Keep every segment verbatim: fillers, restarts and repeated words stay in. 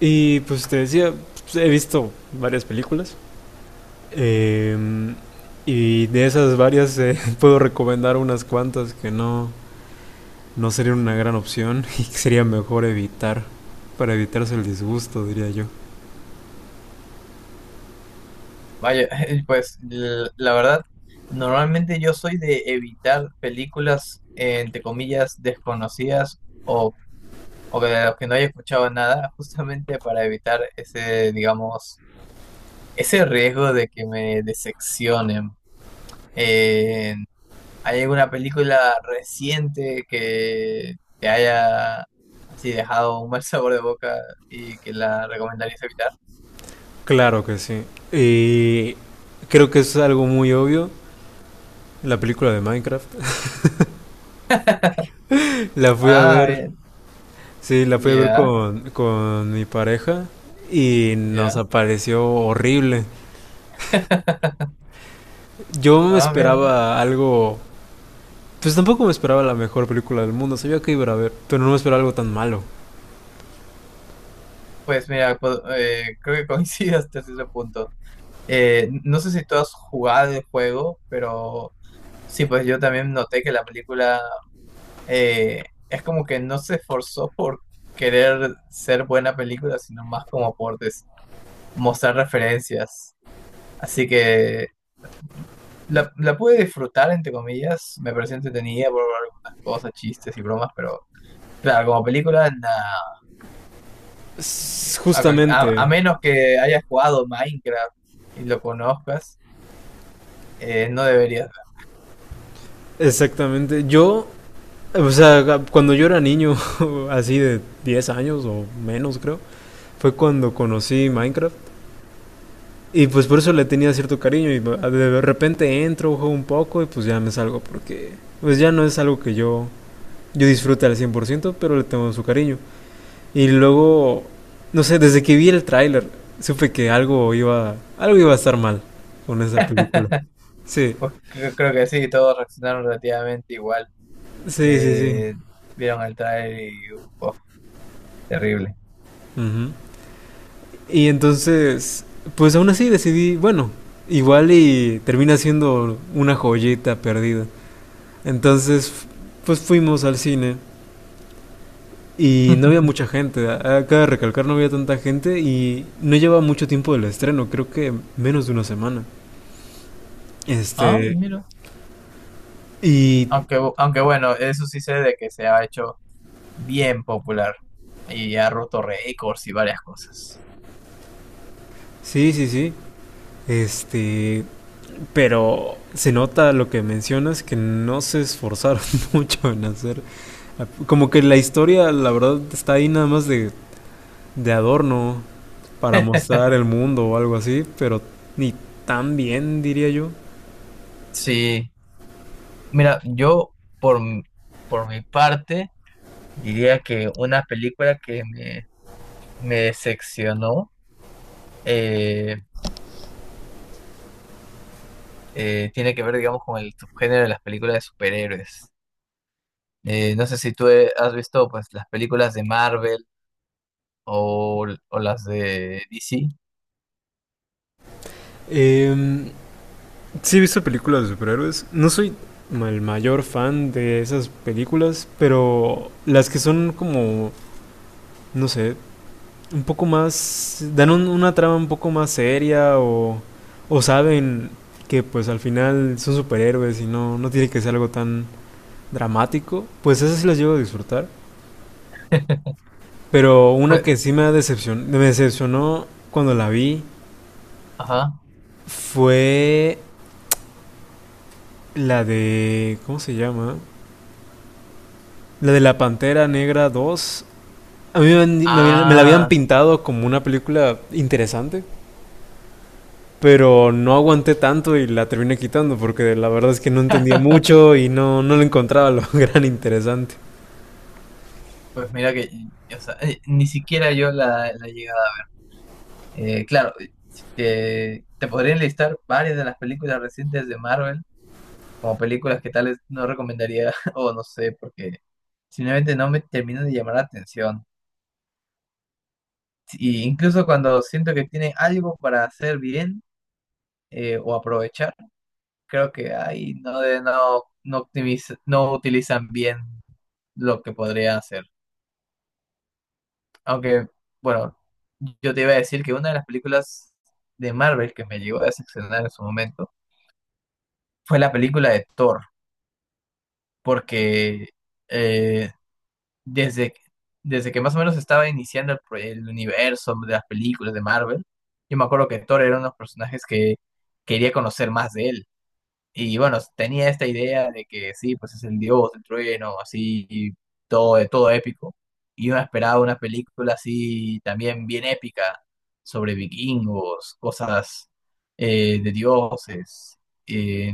Y pues te decía, pues, he visto varias películas. eh, y de esas varias eh, puedo recomendar unas cuantas que no, no serían una gran opción y que sería mejor evitar. Para evitarse el disgusto, diría yo. Vaya, pues l- la verdad, normalmente yo soy de evitar películas, eh, entre comillas, desconocidas o, o de las que no haya escuchado nada, justamente para evitar ese, digamos, ese riesgo de que me decepcionen. Eh, ¿Hay alguna película reciente que te haya así dejado un mal sabor de boca y que la recomendarías evitar? Claro que sí. Y creo que es algo muy obvio. La película de Minecraft. La fui a Ah, ver. bien, Sí, la fui a ver ya, con, con mi pareja. Y nos ya. apareció horrible. Yo me Ah, mira. esperaba algo. Pues tampoco me esperaba la mejor película del mundo, sabía que iba a ver, pero no me esperaba algo tan malo. Pues mira, po- eh, creo que coincido hasta ese punto. Eh, no sé si tú has jugado el juego, pero sí, pues yo también noté que la película eh, es como que no se esforzó por querer ser buena película, sino más como por des- mostrar referencias. Así que la, la pude disfrutar, entre comillas, me pareció entretenida por algunas cosas, chistes y bromas, pero claro, como película, nada. A, cual- a- a Justamente, menos que hayas jugado Minecraft y lo conozcas, eh, no deberías. exactamente. Yo, o sea, cuando yo era niño, así de diez años o menos creo, fue cuando conocí Minecraft. Y pues por eso le tenía cierto cariño y de repente entro, juego un poco y pues ya me salgo porque pues ya no es algo que yo, yo disfrute al cien por ciento, pero le tengo su cariño. Y luego, no sé, desde que vi el tráiler, supe que algo iba, algo iba a estar mal con esa película. Sí, Pues cre- creo que sí, todos reaccionaron relativamente igual. sí, sí, sí. Eh, vieron el trailer y oh, terrible. Ujú. Y entonces, pues aún así decidí, bueno, igual y termina siendo una joyita perdida. Entonces, f- pues fuimos al cine y no había mucha gente. A- Acaba de recalcar, no había tanta gente y no llevaba mucho tiempo del estreno, creo que menos de una semana. Ah, Este, mira. y Aunque, bu- aunque bueno, eso sí sé de que se ha hecho bien popular y ha roto récords y varias cosas. sí, sí, sí. Este, pero se nota lo que mencionas que no se esforzaron mucho en hacer. Como que la historia, la verdad, está ahí nada más de, de adorno para mostrar el mundo o algo así, pero ni tan bien, diría yo. Sí, mira, yo por, m- por mi parte diría que una película que me, me decepcionó eh, eh, tiene que ver, digamos, con el subgénero de las películas de superhéroes. Eh, no sé si tú eh, has visto pues las películas de Marvel o, o las de D C. Eh, sí he visto películas de superhéroes. No soy el mayor fan de esas películas, pero las que son como, no sé, un poco más, dan un- una trama un poco más seria o, o saben que pues al final son superhéroes y no, no tiene que ser algo tan dramático, pues esas sí las llego a disfrutar. Pero una Pues, que sí me, ha decepcion- me decepcionó cuando la vi ajá. fue la de, ¿cómo se llama? La de la Pantera Negra dos. A mí me, han- me habían- me la habían Ah, pintado como una película interesante, pero no aguanté tanto y la terminé quitando porque la verdad es que no entendía mucho y no, no le encontraba lo gran interesante. pues mira que, o sea, eh, ni siquiera yo la, la he llegado a- eh, claro, si te, te podría enlistar varias de las películas recientes de Marvel como películas que tal vez no recomendaría o no sé, porque simplemente no me terminan de llamar la atención. Y incluso cuando siento que tiene algo para hacer bien eh, o aprovechar, creo que ahí no, de- no, no, optimiz- no utilizan bien lo que podría hacer. Aunque, bueno, yo te iba a decir que una de las películas de Marvel que me llegó a decepcionar en su momento fue la película de Thor, porque eh, desde, desde que más o menos estaba iniciando el, pro- el universo de las películas de Marvel, yo me acuerdo que Thor era uno de los personajes que quería conocer más de él. Y bueno, tenía esta idea de que sí, pues es el dios, el trueno, así, y todo, todo épico. Y uno esperaba una película así también bien épica, sobre vikingos, cosas eh, de dioses. Eh,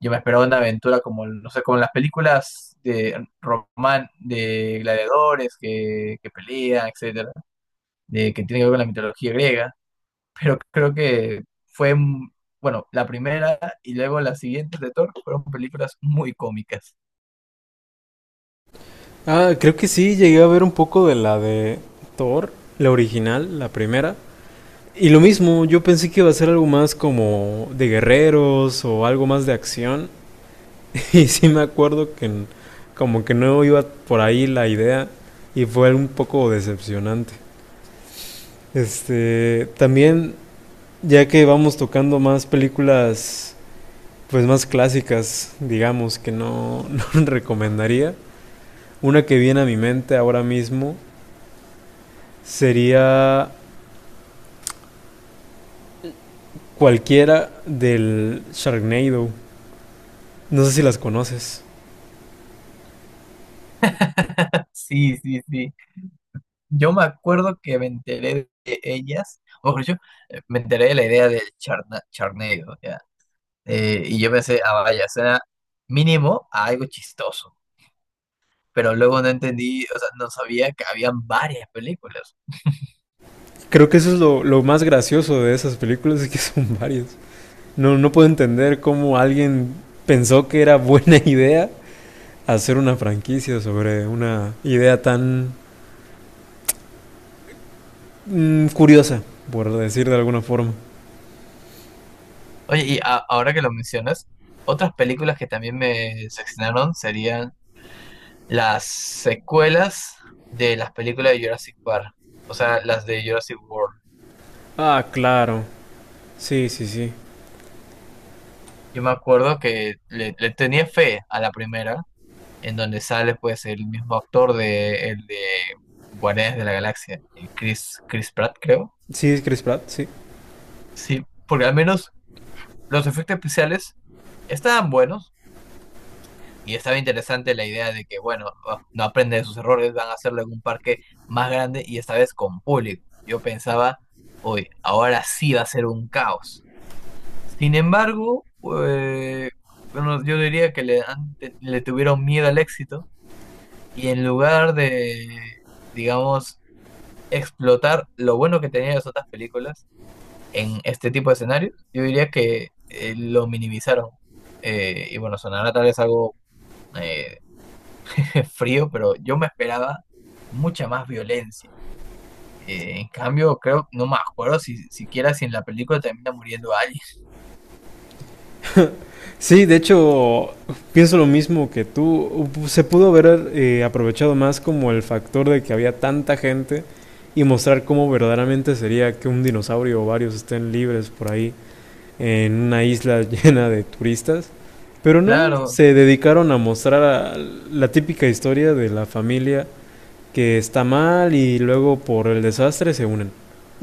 yo me esperaba una aventura como, no sé, como las películas de román, de gladiadores que, que pelean, etcétera, de, que tiene que ver con la mitología griega, pero creo que fue, mm, bueno, la primera y luego las siguientes de Thor fueron películas muy cómicas. Ah, creo que sí, llegué a ver un poco de la de Thor, la original, la primera. Y lo mismo, yo pensé que iba a ser algo más como de guerreros o algo más de acción. Y sí me acuerdo que n- como que no iba por ahí la idea y fue un poco decepcionante. Este, también, ya que vamos tocando más películas. Pues más clásicas, digamos, que no, no recomendaría. Una que viene a mi mente ahora mismo sería cualquiera del Sharknado. No sé si las conoces. Sí, sí, sí. Yo me acuerdo que me enteré de ellas, o mejor dicho, eh, me enteré de la idea del charna, charneo, ya. Eh, y yo pensé, ah, vaya, suena mínimo a algo chistoso. Pero luego no entendí, o sea, no sabía que habían varias películas. Creo que eso es lo, lo más gracioso de esas películas, es que son varias. No, no puedo entender cómo alguien pensó que era buena idea hacer una franquicia sobre una idea tan mm, curiosa, por decir de alguna forma. Oye, y a- ahora que lo mencionas, otras películas que también me seccionaron serían las secuelas de las películas de Jurassic Park, o sea, las de Jurassic World. Ah, claro. Sí, sí, sí. Yo me acuerdo que le, le tenía fe a la primera, en donde sale pues el mismo actor de el de Guardianes de la Galaxia, eh, Chris, Chris Pratt, creo. Sí, es Chris Pratt, sí. Sí, porque al menos los efectos especiales estaban buenos y estaba interesante la idea de que, bueno, oh, no aprende de sus errores, van a hacerlo en un parque más grande y esta vez con público. Yo pensaba, hoy, ahora sí va a ser un caos. Sin embargo, eh, bueno, yo diría que le, han te- le tuvieron miedo al éxito y en lugar de, digamos, explotar lo bueno que tenían las otras películas en este tipo de escenarios, yo diría que eh, lo minimizaron. Eh, y bueno, sonará tal vez algo eh, frío, pero yo me esperaba mucha más violencia. Eh, en cambio, creo, no me acuerdo si siquiera si en la película termina muriendo alguien. Sí, de hecho, pienso lo mismo que tú. Se pudo haber eh, aprovechado más como el factor de que había tanta gente y mostrar cómo verdaderamente sería que un dinosaurio o varios estén libres por ahí en una isla llena de turistas. Pero no, Claro, se dedicaron a mostrar a la típica historia de la familia que está mal y luego por el desastre se unen.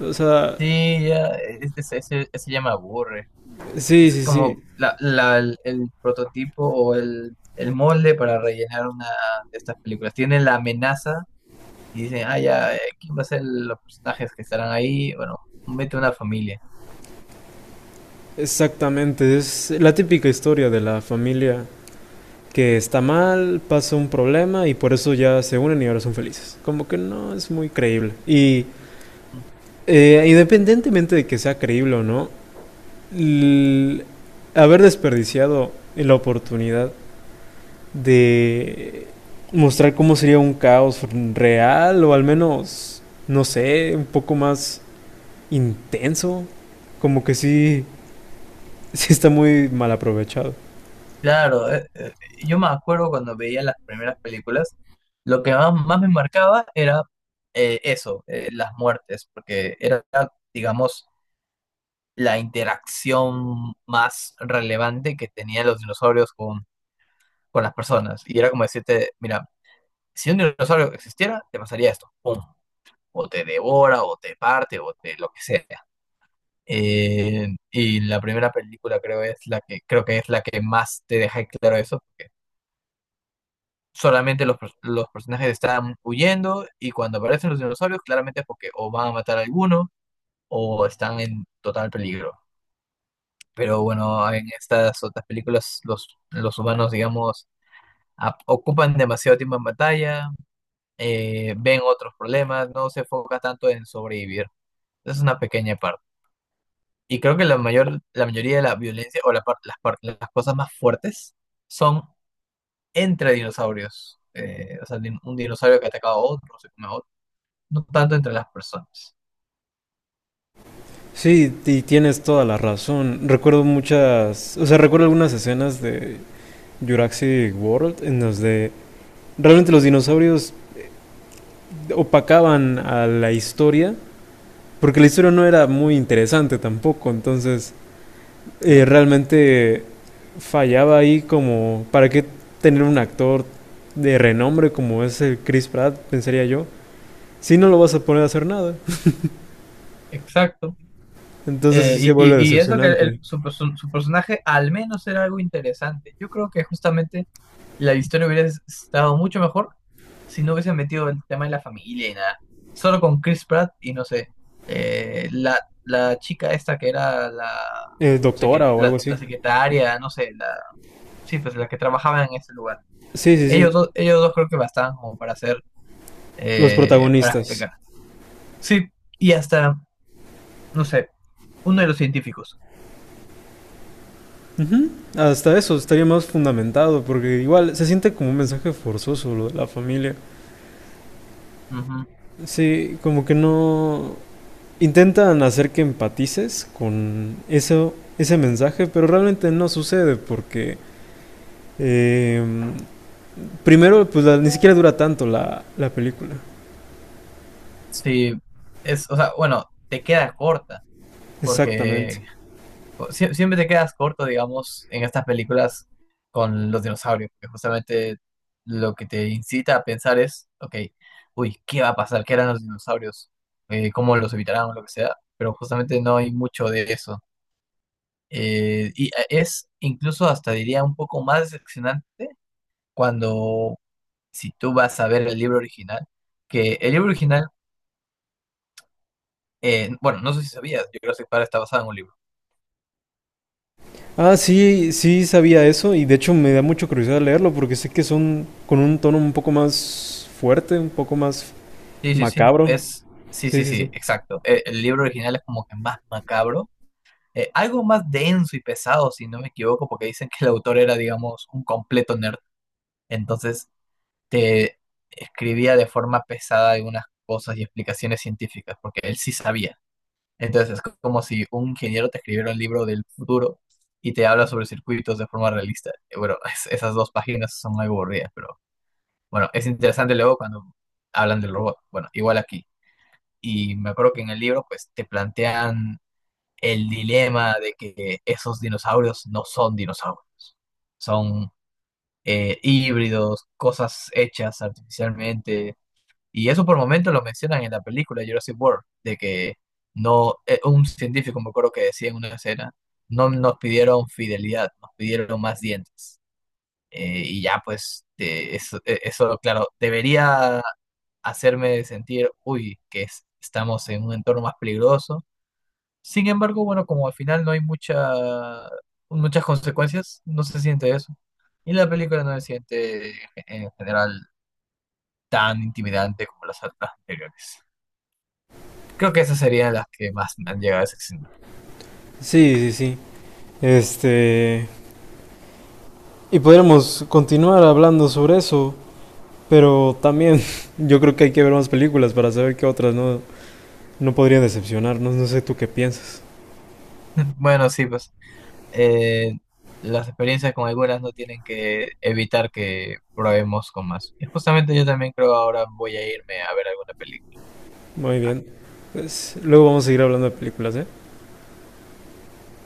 O sea, sí, ya, es- es- ese, ese ya me aburre. sí, Es sí, sí, como la, la- el, el prototipo o el, el molde para rellenar una de estas películas. Tienen la amenaza y dicen, ah, ya, eh, ¿quién va a ser los personajes que estarán ahí? Bueno, mete una familia. exactamente. Es la típica historia de la familia que está mal, pasa un problema y por eso ya se unen y ahora son felices. Como que no es muy creíble. Y Mm. eh, independientemente de que sea creíble o no, haber desperdiciado la oportunidad de mostrar cómo sería un caos real o al menos, no sé, un poco más intenso, como que sí, sí está muy mal aprovechado. Claro, eh, eh, yo me acuerdo cuando veía las primeras películas, lo que más, más me marcaba era eh, eso, eh, las muertes, porque era, digamos, la interacción más relevante que tenían los dinosaurios con, con las personas. Y era como decirte, mira, si un dinosaurio existiera, te pasaría esto. Pum. O te devora, o te parte, o te lo que sea. Eh, y la primera película creo es la que creo que es la que más te deja claro eso, porque solamente los, pers- los personajes están huyendo y cuando aparecen los dinosaurios, claramente es porque o van a matar a alguno o están en total peligro. Pero bueno, en estas otras películas los, los humanos, digamos, ap- ocupan demasiado tiempo en batalla, eh, ven otros problemas, no se enfoca tanto en sobrevivir. Es una pequeña parte. Y creo que la mayor, la mayoría de la violencia o la par- las, par- las cosas más fuertes son entre dinosaurios. Eh, o sea, din- un dinosaurio que ataca a otro, se come a otro, no tanto entre las personas, Sí, y tienes toda la razón. Recuerdo muchas, o sea, recuerdo algunas escenas de Jurassic World en donde realmente los dinosaurios opacaban a la historia, porque la historia no era muy interesante tampoco, entonces eh, ¿no? realmente fallaba ahí como, ¿para qué tener un actor de renombre como es el Chris Pratt, pensaría yo? Si no lo vas a poner a hacer nada, Exacto. entonces Eh, sí se y, vuelve y- y eso que el- decepcionante. su, su- su personaje al menos era algo interesante. Yo creo que justamente la historia hubiera estado mucho mejor si no hubiesen metido el tema de la familia y nada. Solo con Chris Pratt y no sé, eh, la, la chica esta que era la, Eh, secre- doctora o algo la, así. la secretaria, no sé, la, sí, pues la que trabajaba en ese lugar. Sí, sí, sí. Ellos dos, ellos dos creo que bastaban como para hacer, Los eh, para protagonistas. explicar. Sí, y hasta, no sé, uno de los científicos. Ujú. Hasta eso estaría más fundamentado, porque igual se siente como un mensaje forzoso lo de la familia. Ujú. Sí, como que no intentan hacer que empatices con eso, ese mensaje, pero realmente no sucede porque eh, primero, pues la- ni siquiera dura tanto la, la película. Sí, es, o sea, bueno, te queda corta, Exactamente. porque o- sie- siempre te quedas corto, digamos, en estas películas con los dinosaurios, que justamente lo que te incita a pensar es, ok, uy, ¿qué va a pasar? ¿Qué eran los dinosaurios? Eh, ¿cómo los evitarán o lo que sea? Pero justamente no hay mucho de eso. Eh, y eh, es incluso hasta diría un poco más decepcionante cuando, si tú vas a ver el libro original, que el libro original, eh, bueno, no sé si sabías, Jurassic Park está basado en un libro. Ah, sí, sí sabía eso y de hecho me da mucha curiosidad leerlo porque sé que son con un tono un poco más fuerte, un poco más Sí, sí, sí, macabro. es, sí, Sí, sí, sí, sí, sí. exacto. Eh, El, libro original es como que más macabro, eh, algo más denso y pesado, si no me equivoco, porque dicen que el autor era, digamos, un completo nerd. Entonces, te escribía de forma pesada algunas cosas y explicaciones científicas, porque él sí sabía. Entonces, es co- como si un ingeniero te escribiera un libro del futuro y te habla sobre circuitos de forma realista. Eh, Bueno, es- esas dos páginas son algo aburridas, pero bueno, es interesante luego cuando hablan del robot. Bueno, igual aquí y me acuerdo que en el libro pues te plantean el dilema de que esos dinosaurios no son dinosaurios, son eh, híbridos, cosas hechas artificialmente, y eso por momento lo mencionan en la película Jurassic World, de que no, eh, un científico me acuerdo que decía en una escena, no nos pidieron fidelidad, nos pidieron más dientes. Eh, y ya pues, eh, eso, eh, eso, claro, debería hacerme sentir, uy, que es- estamos en un entorno más peligroso. Sin embargo, bueno, como al final no hay mucha, muchas consecuencias, no se siente eso. Y la película no se siente en general tan intimidante como las otras anteriores. Creo que esas serían las que más me han llegado a decepcionar. Sí, sí, sí. Este. Y podríamos continuar hablando sobre eso, pero también yo creo que hay que ver más películas para saber qué otras no, no podrían decepcionarnos. No sé tú qué piensas. Bueno, sí, pues eh, las experiencias con algunas no tienen que evitar que probemos con más. Y justamente yo también creo ahora voy a irme a ver alguna película. Muy bien. Pues luego vamos a seguir hablando de películas, ¿eh?